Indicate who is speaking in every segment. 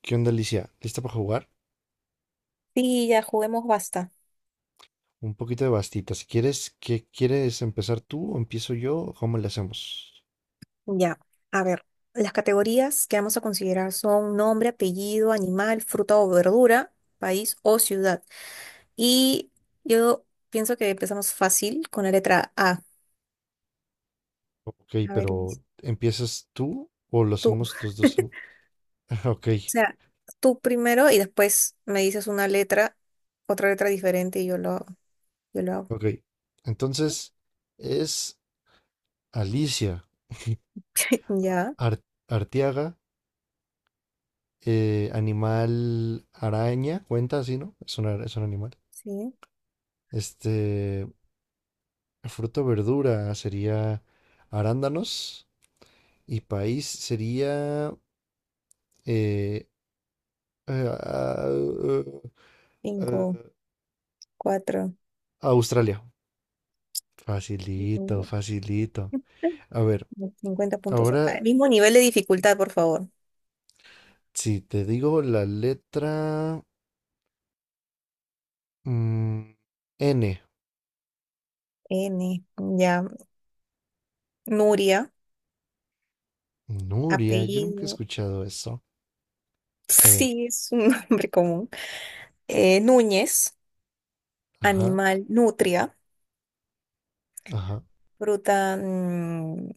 Speaker 1: ¿Qué onda, Alicia? ¿Lista para jugar?
Speaker 2: Sí, ya juguemos basta.
Speaker 1: Un poquito de bastita. Si quieres, ¿qué quieres empezar tú o empiezo yo? ¿Cómo le hacemos?
Speaker 2: Ya, a ver, las categorías que vamos a considerar son nombre, apellido, animal, fruta o verdura, país o ciudad. Y yo pienso que empezamos fácil con la letra A.
Speaker 1: Ok,
Speaker 2: A ver, Iris,
Speaker 1: pero ¿empiezas tú o lo
Speaker 2: tú.
Speaker 1: hacemos los dos? Ok,
Speaker 2: O sea, tú primero y después me dices una letra, otra letra diferente y yo lo hago. Yo lo hago.
Speaker 1: ok. Entonces, es Alicia
Speaker 2: Ya,
Speaker 1: Arteaga, animal araña, cuenta así, ¿no? Es un animal.
Speaker 2: sí.
Speaker 1: Este, fruto verdura sería arándanos y país sería eh, eh, a, eh,
Speaker 2: Cinco,
Speaker 1: eh,
Speaker 2: cuatro.
Speaker 1: Australia. Facilito,
Speaker 2: Cinco,
Speaker 1: facilito. A ver,
Speaker 2: 50 puntos.
Speaker 1: ahora
Speaker 2: Al mismo nivel de dificultad, por favor.
Speaker 1: si te digo la letra mm, N.
Speaker 2: N, ya. Nuria,
Speaker 1: Nuria, yo nunca he
Speaker 2: apellido,
Speaker 1: escuchado eso. Está bien.
Speaker 2: sí es un nombre común. Núñez,
Speaker 1: Ajá,
Speaker 2: animal, nutria,
Speaker 1: ajá.
Speaker 2: fruta,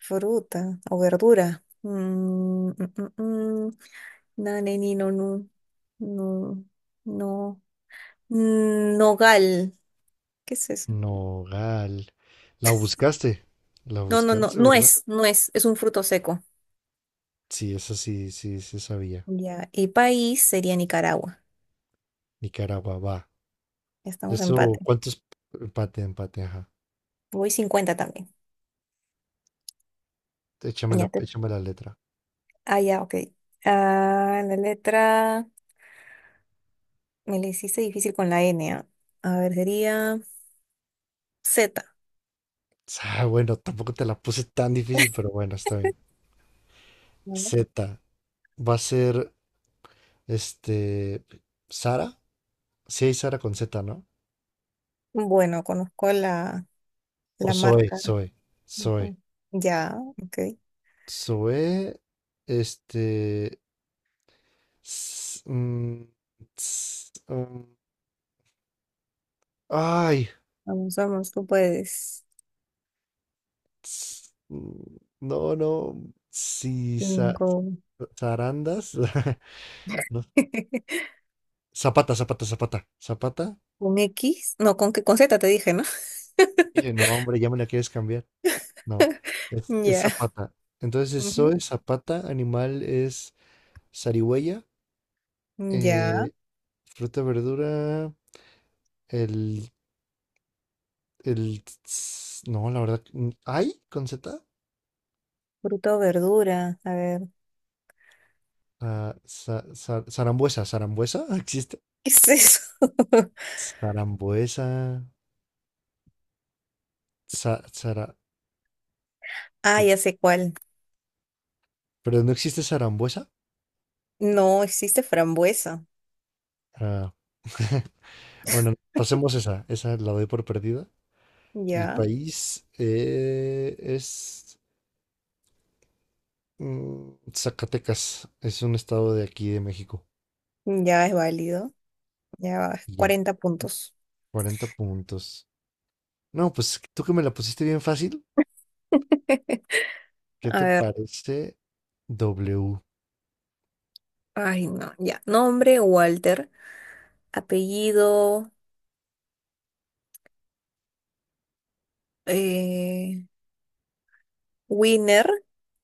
Speaker 2: fruta o verdura. Nane, ni, no, nu, no, no, nogal, ¿qué es eso?
Speaker 1: Nogal. La buscaste. La
Speaker 2: No, no, no,
Speaker 1: buscaste, ¿verdad?
Speaker 2: nuez, nuez, es un fruto seco.
Speaker 1: Sí, esa sí, sí, sí sabía.
Speaker 2: Ya, y país sería Nicaragua.
Speaker 1: Nicaragua, va.
Speaker 2: Estamos en
Speaker 1: Eso,
Speaker 2: empate.
Speaker 1: ¿cuántos? Empate, empate, ajá.
Speaker 2: Voy 50 también.
Speaker 1: Échame
Speaker 2: Ya
Speaker 1: la,
Speaker 2: te.
Speaker 1: échame la letra.
Speaker 2: Ah, ya, ok. Ah, la letra. Me le hiciste difícil con la N, ¿ah? A ver, sería Z.
Speaker 1: Ah, bueno, tampoco te la puse tan difícil, pero bueno, está bien.
Speaker 2: ¿No?
Speaker 1: Z. Va a ser, este, Sara. Sí hay Sara con Z, ¿no?
Speaker 2: Bueno, conozco la,
Speaker 1: O
Speaker 2: la
Speaker 1: Zoe,
Speaker 2: marca.
Speaker 1: Zoe, Zoe.
Speaker 2: Ujú. Ya, ok.
Speaker 1: Zoe, este... s- mm, s- mm, ay.
Speaker 2: Vamos, vamos, tú puedes.
Speaker 1: No, no. Sí,
Speaker 2: Cinco.
Speaker 1: zarandas. No. Zapata, zapata, zapata. Zapata.
Speaker 2: ¿Con X? No, con, con Z te dije, ¿no?
Speaker 1: Dije, no, hombre, ya me la quieres cambiar. No, es
Speaker 2: Ya.
Speaker 1: Zapata. Entonces,
Speaker 2: Ujú.
Speaker 1: soy Zapata, animal es zarigüeya,
Speaker 2: Ya.
Speaker 1: eh, fruta, verdura, el, el, no, la verdad, ¿hay con Z?
Speaker 2: Fruta o verdura. A ver.
Speaker 1: Ah, zarambuesa, zarambuesa, ¿existe?
Speaker 2: ¿Qué es eso?
Speaker 1: Zarambuesa, za- zara-
Speaker 2: Ah,
Speaker 1: za-
Speaker 2: ya sé cuál.
Speaker 1: pero no existe zarambuesa.
Speaker 2: No, existe frambuesa.
Speaker 1: Ah, Bueno, pasemos esa, esa la doy por perdida. Y
Speaker 2: Ya.
Speaker 1: país es Zacatecas, es un estado de aquí de México.
Speaker 2: Ya es válido. Ya,
Speaker 1: Y ya.
Speaker 2: 40 puntos.
Speaker 1: 40 puntos. No, pues tú que me la pusiste bien fácil. ¿Qué
Speaker 2: A
Speaker 1: te
Speaker 2: ver.
Speaker 1: parece W?
Speaker 2: Ay, no, ya. Nombre, Walter. Apellido, eh, Wiener.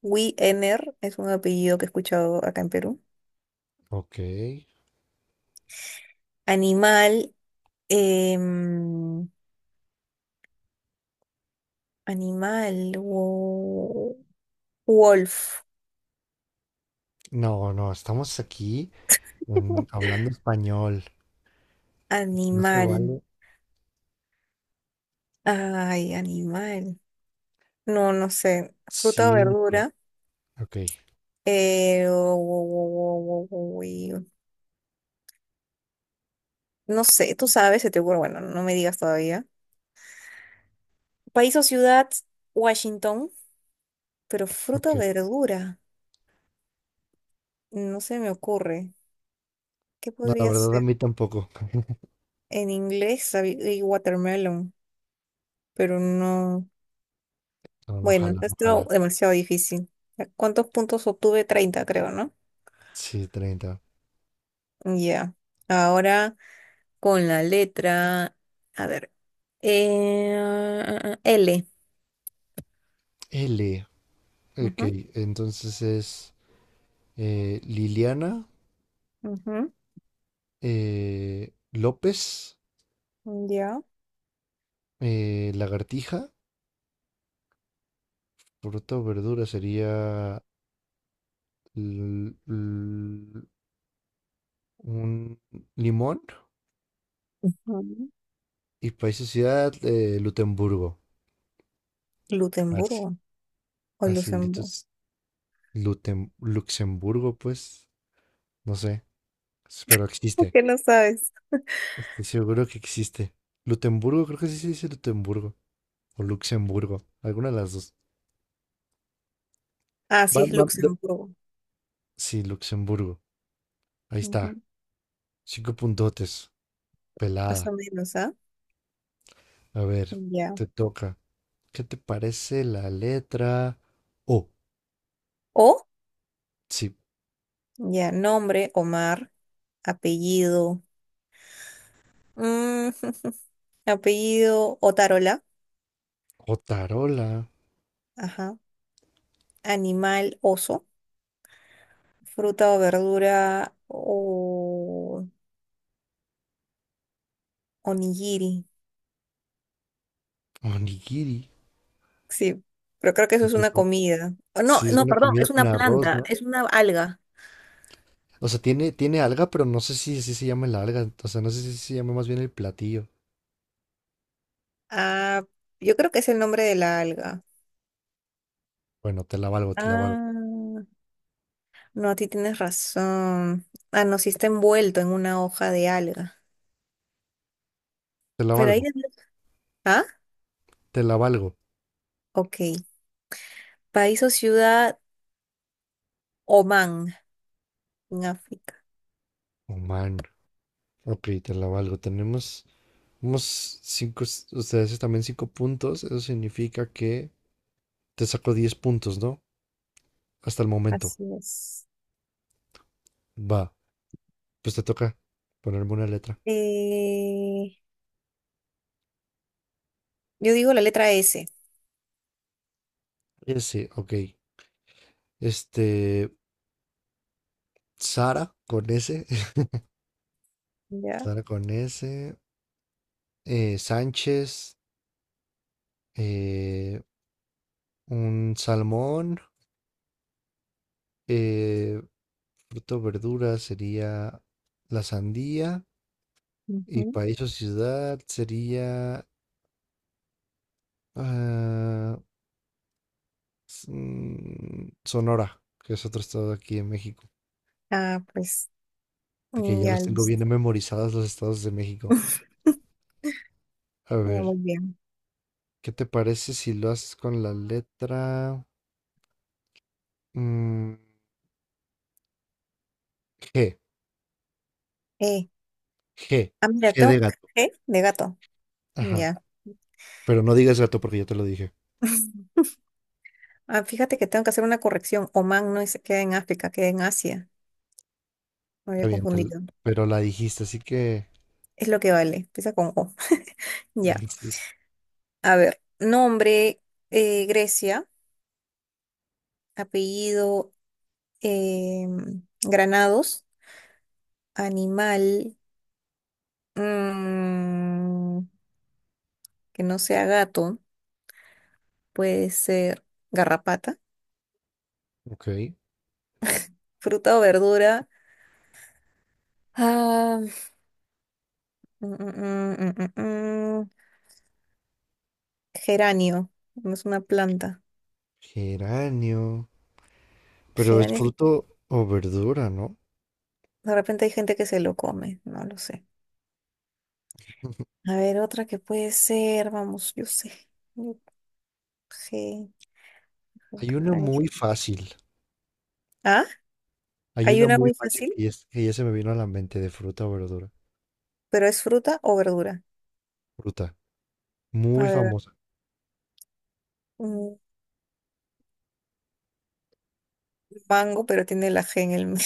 Speaker 2: Wiener es un apellido que he escuchado acá en Perú.
Speaker 1: Ok.
Speaker 2: Animal, em, animal, wolf.
Speaker 1: No, no, estamos aquí hablando español. No se
Speaker 2: Animal.
Speaker 1: vale
Speaker 2: Ay, animal. No, no sé. Fruta o
Speaker 1: 5.
Speaker 2: verdura.
Speaker 1: Ok,
Speaker 2: Eh, wo- wo- wo- wo- wo- wo- No sé, tú sabes, se te ocurre. Bueno, no me digas todavía. País o ciudad, Washington. Pero fruta
Speaker 1: ok.
Speaker 2: o verdura, no se me ocurre. ¿Qué
Speaker 1: No, la
Speaker 2: podría
Speaker 1: verdad a
Speaker 2: ser?
Speaker 1: mí tampoco.
Speaker 2: En inglés sabía watermelon, pero no.
Speaker 1: No, no
Speaker 2: Bueno,
Speaker 1: jala, no
Speaker 2: está
Speaker 1: jala.
Speaker 2: demasiado difícil. ¿Cuántos puntos obtuve? 30 creo, ¿no?
Speaker 1: Sí, 30.
Speaker 2: Ya. Ahora con la letra. A ver. L.
Speaker 1: L. Ok,
Speaker 2: Ujú,
Speaker 1: entonces es Liliana
Speaker 2: ujú.
Speaker 1: López.
Speaker 2: Ya.
Speaker 1: Lagartija, fruta o verdura sería l- l- un limón
Speaker 2: Ujú.
Speaker 1: y país y ciudad Lutemburgo. Así,
Speaker 2: Lutemburgo o
Speaker 1: así,
Speaker 2: Luxemburgo.
Speaker 1: Luxemburgo, pues, no sé, pero
Speaker 2: ¿Por
Speaker 1: existe.
Speaker 2: qué no sabes?
Speaker 1: Estoy seguro que existe. Lutemburgo, creo que sí se dice Lutemburgo o Luxemburgo, alguna de las dos.
Speaker 2: Ah, sí,
Speaker 1: Va-
Speaker 2: es
Speaker 1: va- de-
Speaker 2: Luxemburgo.
Speaker 1: sí, Luxemburgo. Ahí está.
Speaker 2: Ujú.
Speaker 1: 5 puntotes.
Speaker 2: Más o
Speaker 1: Pelada.
Speaker 2: menos, ¿ah?
Speaker 1: A ver,
Speaker 2: Ya.
Speaker 1: te toca. ¿Qué te parece la letra O?
Speaker 2: O.
Speaker 1: Sí,
Speaker 2: Ya, nombre, Omar, apellido, mm, apellido, Otarola,
Speaker 1: o tarola,
Speaker 2: ajá, animal, oso, fruta o verdura, o onigiri,
Speaker 1: onigiri.
Speaker 2: sí, pero creo que eso es
Speaker 1: Pues
Speaker 2: una
Speaker 1: no.
Speaker 2: comida. Oh, no,
Speaker 1: Sí, es
Speaker 2: no,
Speaker 1: una
Speaker 2: perdón,
Speaker 1: comida
Speaker 2: es
Speaker 1: con
Speaker 2: una
Speaker 1: arroz,
Speaker 2: planta,
Speaker 1: ¿no?
Speaker 2: es una alga.
Speaker 1: O sea, tiene alga, pero no sé si se llama la alga. O sea, no sé si se llama más bien el platillo.
Speaker 2: Ah, yo creo que es el nombre de la alga.
Speaker 1: Bueno, te la valgo, te la valgo.
Speaker 2: Ah, no, a ti tienes razón. Ah, no, sí está envuelto en una hoja de alga.
Speaker 1: Te la
Speaker 2: Pero ahí.
Speaker 1: valgo,
Speaker 2: ¿Ah?
Speaker 1: te la valgo.
Speaker 2: Ok. País o ciudad Oman en África.
Speaker 1: Oh, man. Ok, te la valgo. Tenemos unos cinco, ustedes también 5 puntos. Eso significa que te saco 10 puntos, ¿no? Hasta el momento.
Speaker 2: Así es.
Speaker 1: Va, pues te toca ponerme una letra.
Speaker 2: Eh, yo digo la letra S,
Speaker 1: Ese, ok. Este, Sara con S,
Speaker 2: ¿ya?
Speaker 1: Sara con S, Sánchez, eh, un salmón, eh, fruto, verdura sería la sandía y
Speaker 2: Ujú.
Speaker 1: país o ciudad sería ah, Sonora, que es otro estado aquí en México,
Speaker 2: Ah, pues,
Speaker 1: de que
Speaker 2: mm,
Speaker 1: ya
Speaker 2: ya
Speaker 1: los tengo
Speaker 2: listo.
Speaker 1: bien memorizados los estados de México. A
Speaker 2: Ya,
Speaker 1: ver,
Speaker 2: muy bien.
Speaker 1: ¿qué te parece si lo haces con la letra mm, G?
Speaker 2: Eh,
Speaker 1: G,
Speaker 2: ah, mira,
Speaker 1: G de
Speaker 2: tengo
Speaker 1: gato.
Speaker 2: ¿eh? De gato.
Speaker 1: Ajá.
Speaker 2: Ya.
Speaker 1: Pero no digas gato porque yo te lo dije.
Speaker 2: Ah, fíjate que tengo que hacer una corrección. Omán no se queda en África, queda en Asia. Me había
Speaker 1: Está bien,
Speaker 2: confundido.
Speaker 1: pero la dijiste, así que.
Speaker 2: Es lo que vale. Empieza con O. Ya.
Speaker 1: Sí,
Speaker 2: A ver. Nombre, Grecia. Apellido, Granados. Animal, mm, que no sea gato, puede ser garrapata,
Speaker 1: ok.
Speaker 2: fruta o verdura. Ah, mm, mm, mm, mm, mm, mm. Geranio, no es una planta.
Speaker 1: Geranio. Pero es
Speaker 2: Geranio, es-
Speaker 1: fruto o verdura, ¿no?
Speaker 2: de repente hay gente que se lo come, no lo sé. A ver, otra que puede ser, vamos, yo sé. Yo- ge-
Speaker 1: Hay una
Speaker 2: ge-
Speaker 1: muy
Speaker 2: ge-
Speaker 1: fácil.
Speaker 2: Ah,
Speaker 1: Hay
Speaker 2: hay
Speaker 1: una
Speaker 2: una
Speaker 1: muy
Speaker 2: muy
Speaker 1: fácil
Speaker 2: fácil,
Speaker 1: que ya, que ya se me vino a la mente de fruta o verdura.
Speaker 2: pero es fruta o verdura.
Speaker 1: Fruta.
Speaker 2: A
Speaker 1: Muy
Speaker 2: ver,
Speaker 1: famosa.
Speaker 2: un mango, pero tiene la G en el medio.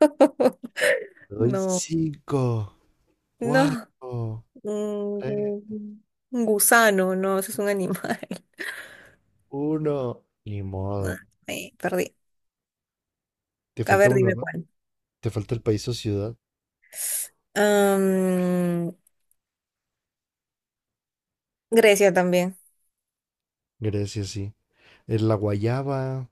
Speaker 1: Te doy
Speaker 2: No,
Speaker 1: cinco,
Speaker 2: no,
Speaker 1: cuatro,
Speaker 2: un,
Speaker 1: tres,
Speaker 2: gu- un gusano, no, ese es
Speaker 1: dos,
Speaker 2: un animal.
Speaker 1: uno. Ni modo.
Speaker 2: Perdí.
Speaker 1: Te
Speaker 2: A
Speaker 1: falta
Speaker 2: ver,
Speaker 1: uno,
Speaker 2: dime
Speaker 1: ¿no?
Speaker 2: cuál.
Speaker 1: Te falta el país o ciudad.
Speaker 2: Am, Grecia también.
Speaker 1: Grecia, sí. Es la guayaba.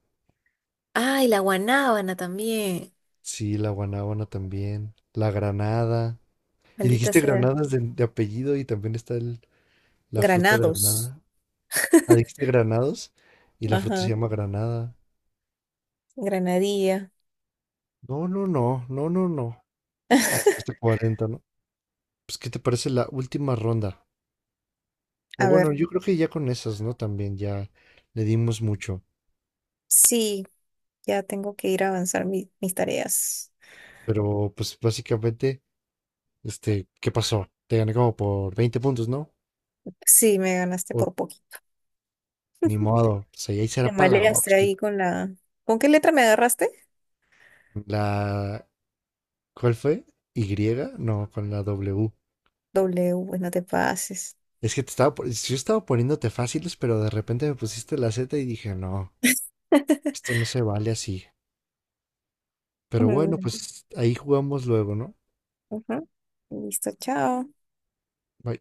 Speaker 2: Ay, la guanábana también.
Speaker 1: Sí, la guanábana también. La granada. Y
Speaker 2: Maldita
Speaker 1: dijiste
Speaker 2: sea.
Speaker 1: granadas de apellido y también está la fruta
Speaker 2: Granados.
Speaker 1: granada. Ah, dijiste granados y la fruta se
Speaker 2: Ajá,
Speaker 1: llama granada.
Speaker 2: granadilla.
Speaker 1: No, no, no, no, no, no. Pues hasta 40, ¿no? Pues, ¿qué te parece la última ronda? O
Speaker 2: A ver,
Speaker 1: bueno, yo creo que ya con esas, ¿no? También ya le dimos mucho.
Speaker 2: sí, ya tengo que ir a avanzar mis tareas.
Speaker 1: Pero, pues, básicamente, este, ¿qué pasó? Te gané como por 20 puntos, ¿no?
Speaker 2: Sí, me ganaste
Speaker 1: O,
Speaker 2: por poquito.
Speaker 1: ni modo. O sea, y ahí
Speaker 2: Te
Speaker 1: será para la
Speaker 2: maleaste
Speaker 1: Oxy.
Speaker 2: ahí con la. ¿Con qué letra me agarraste?
Speaker 1: La ¿Cuál fue? ¿Y? No, con la W.
Speaker 2: W, pues no te pases.
Speaker 1: Es que yo estaba poniéndote fáciles, pero de repente me pusiste la Z y dije, no, esto no se vale así. Pero bueno, pues ahí jugamos luego, ¿no?
Speaker 2: Ujú. Listo, chao.
Speaker 1: Bye.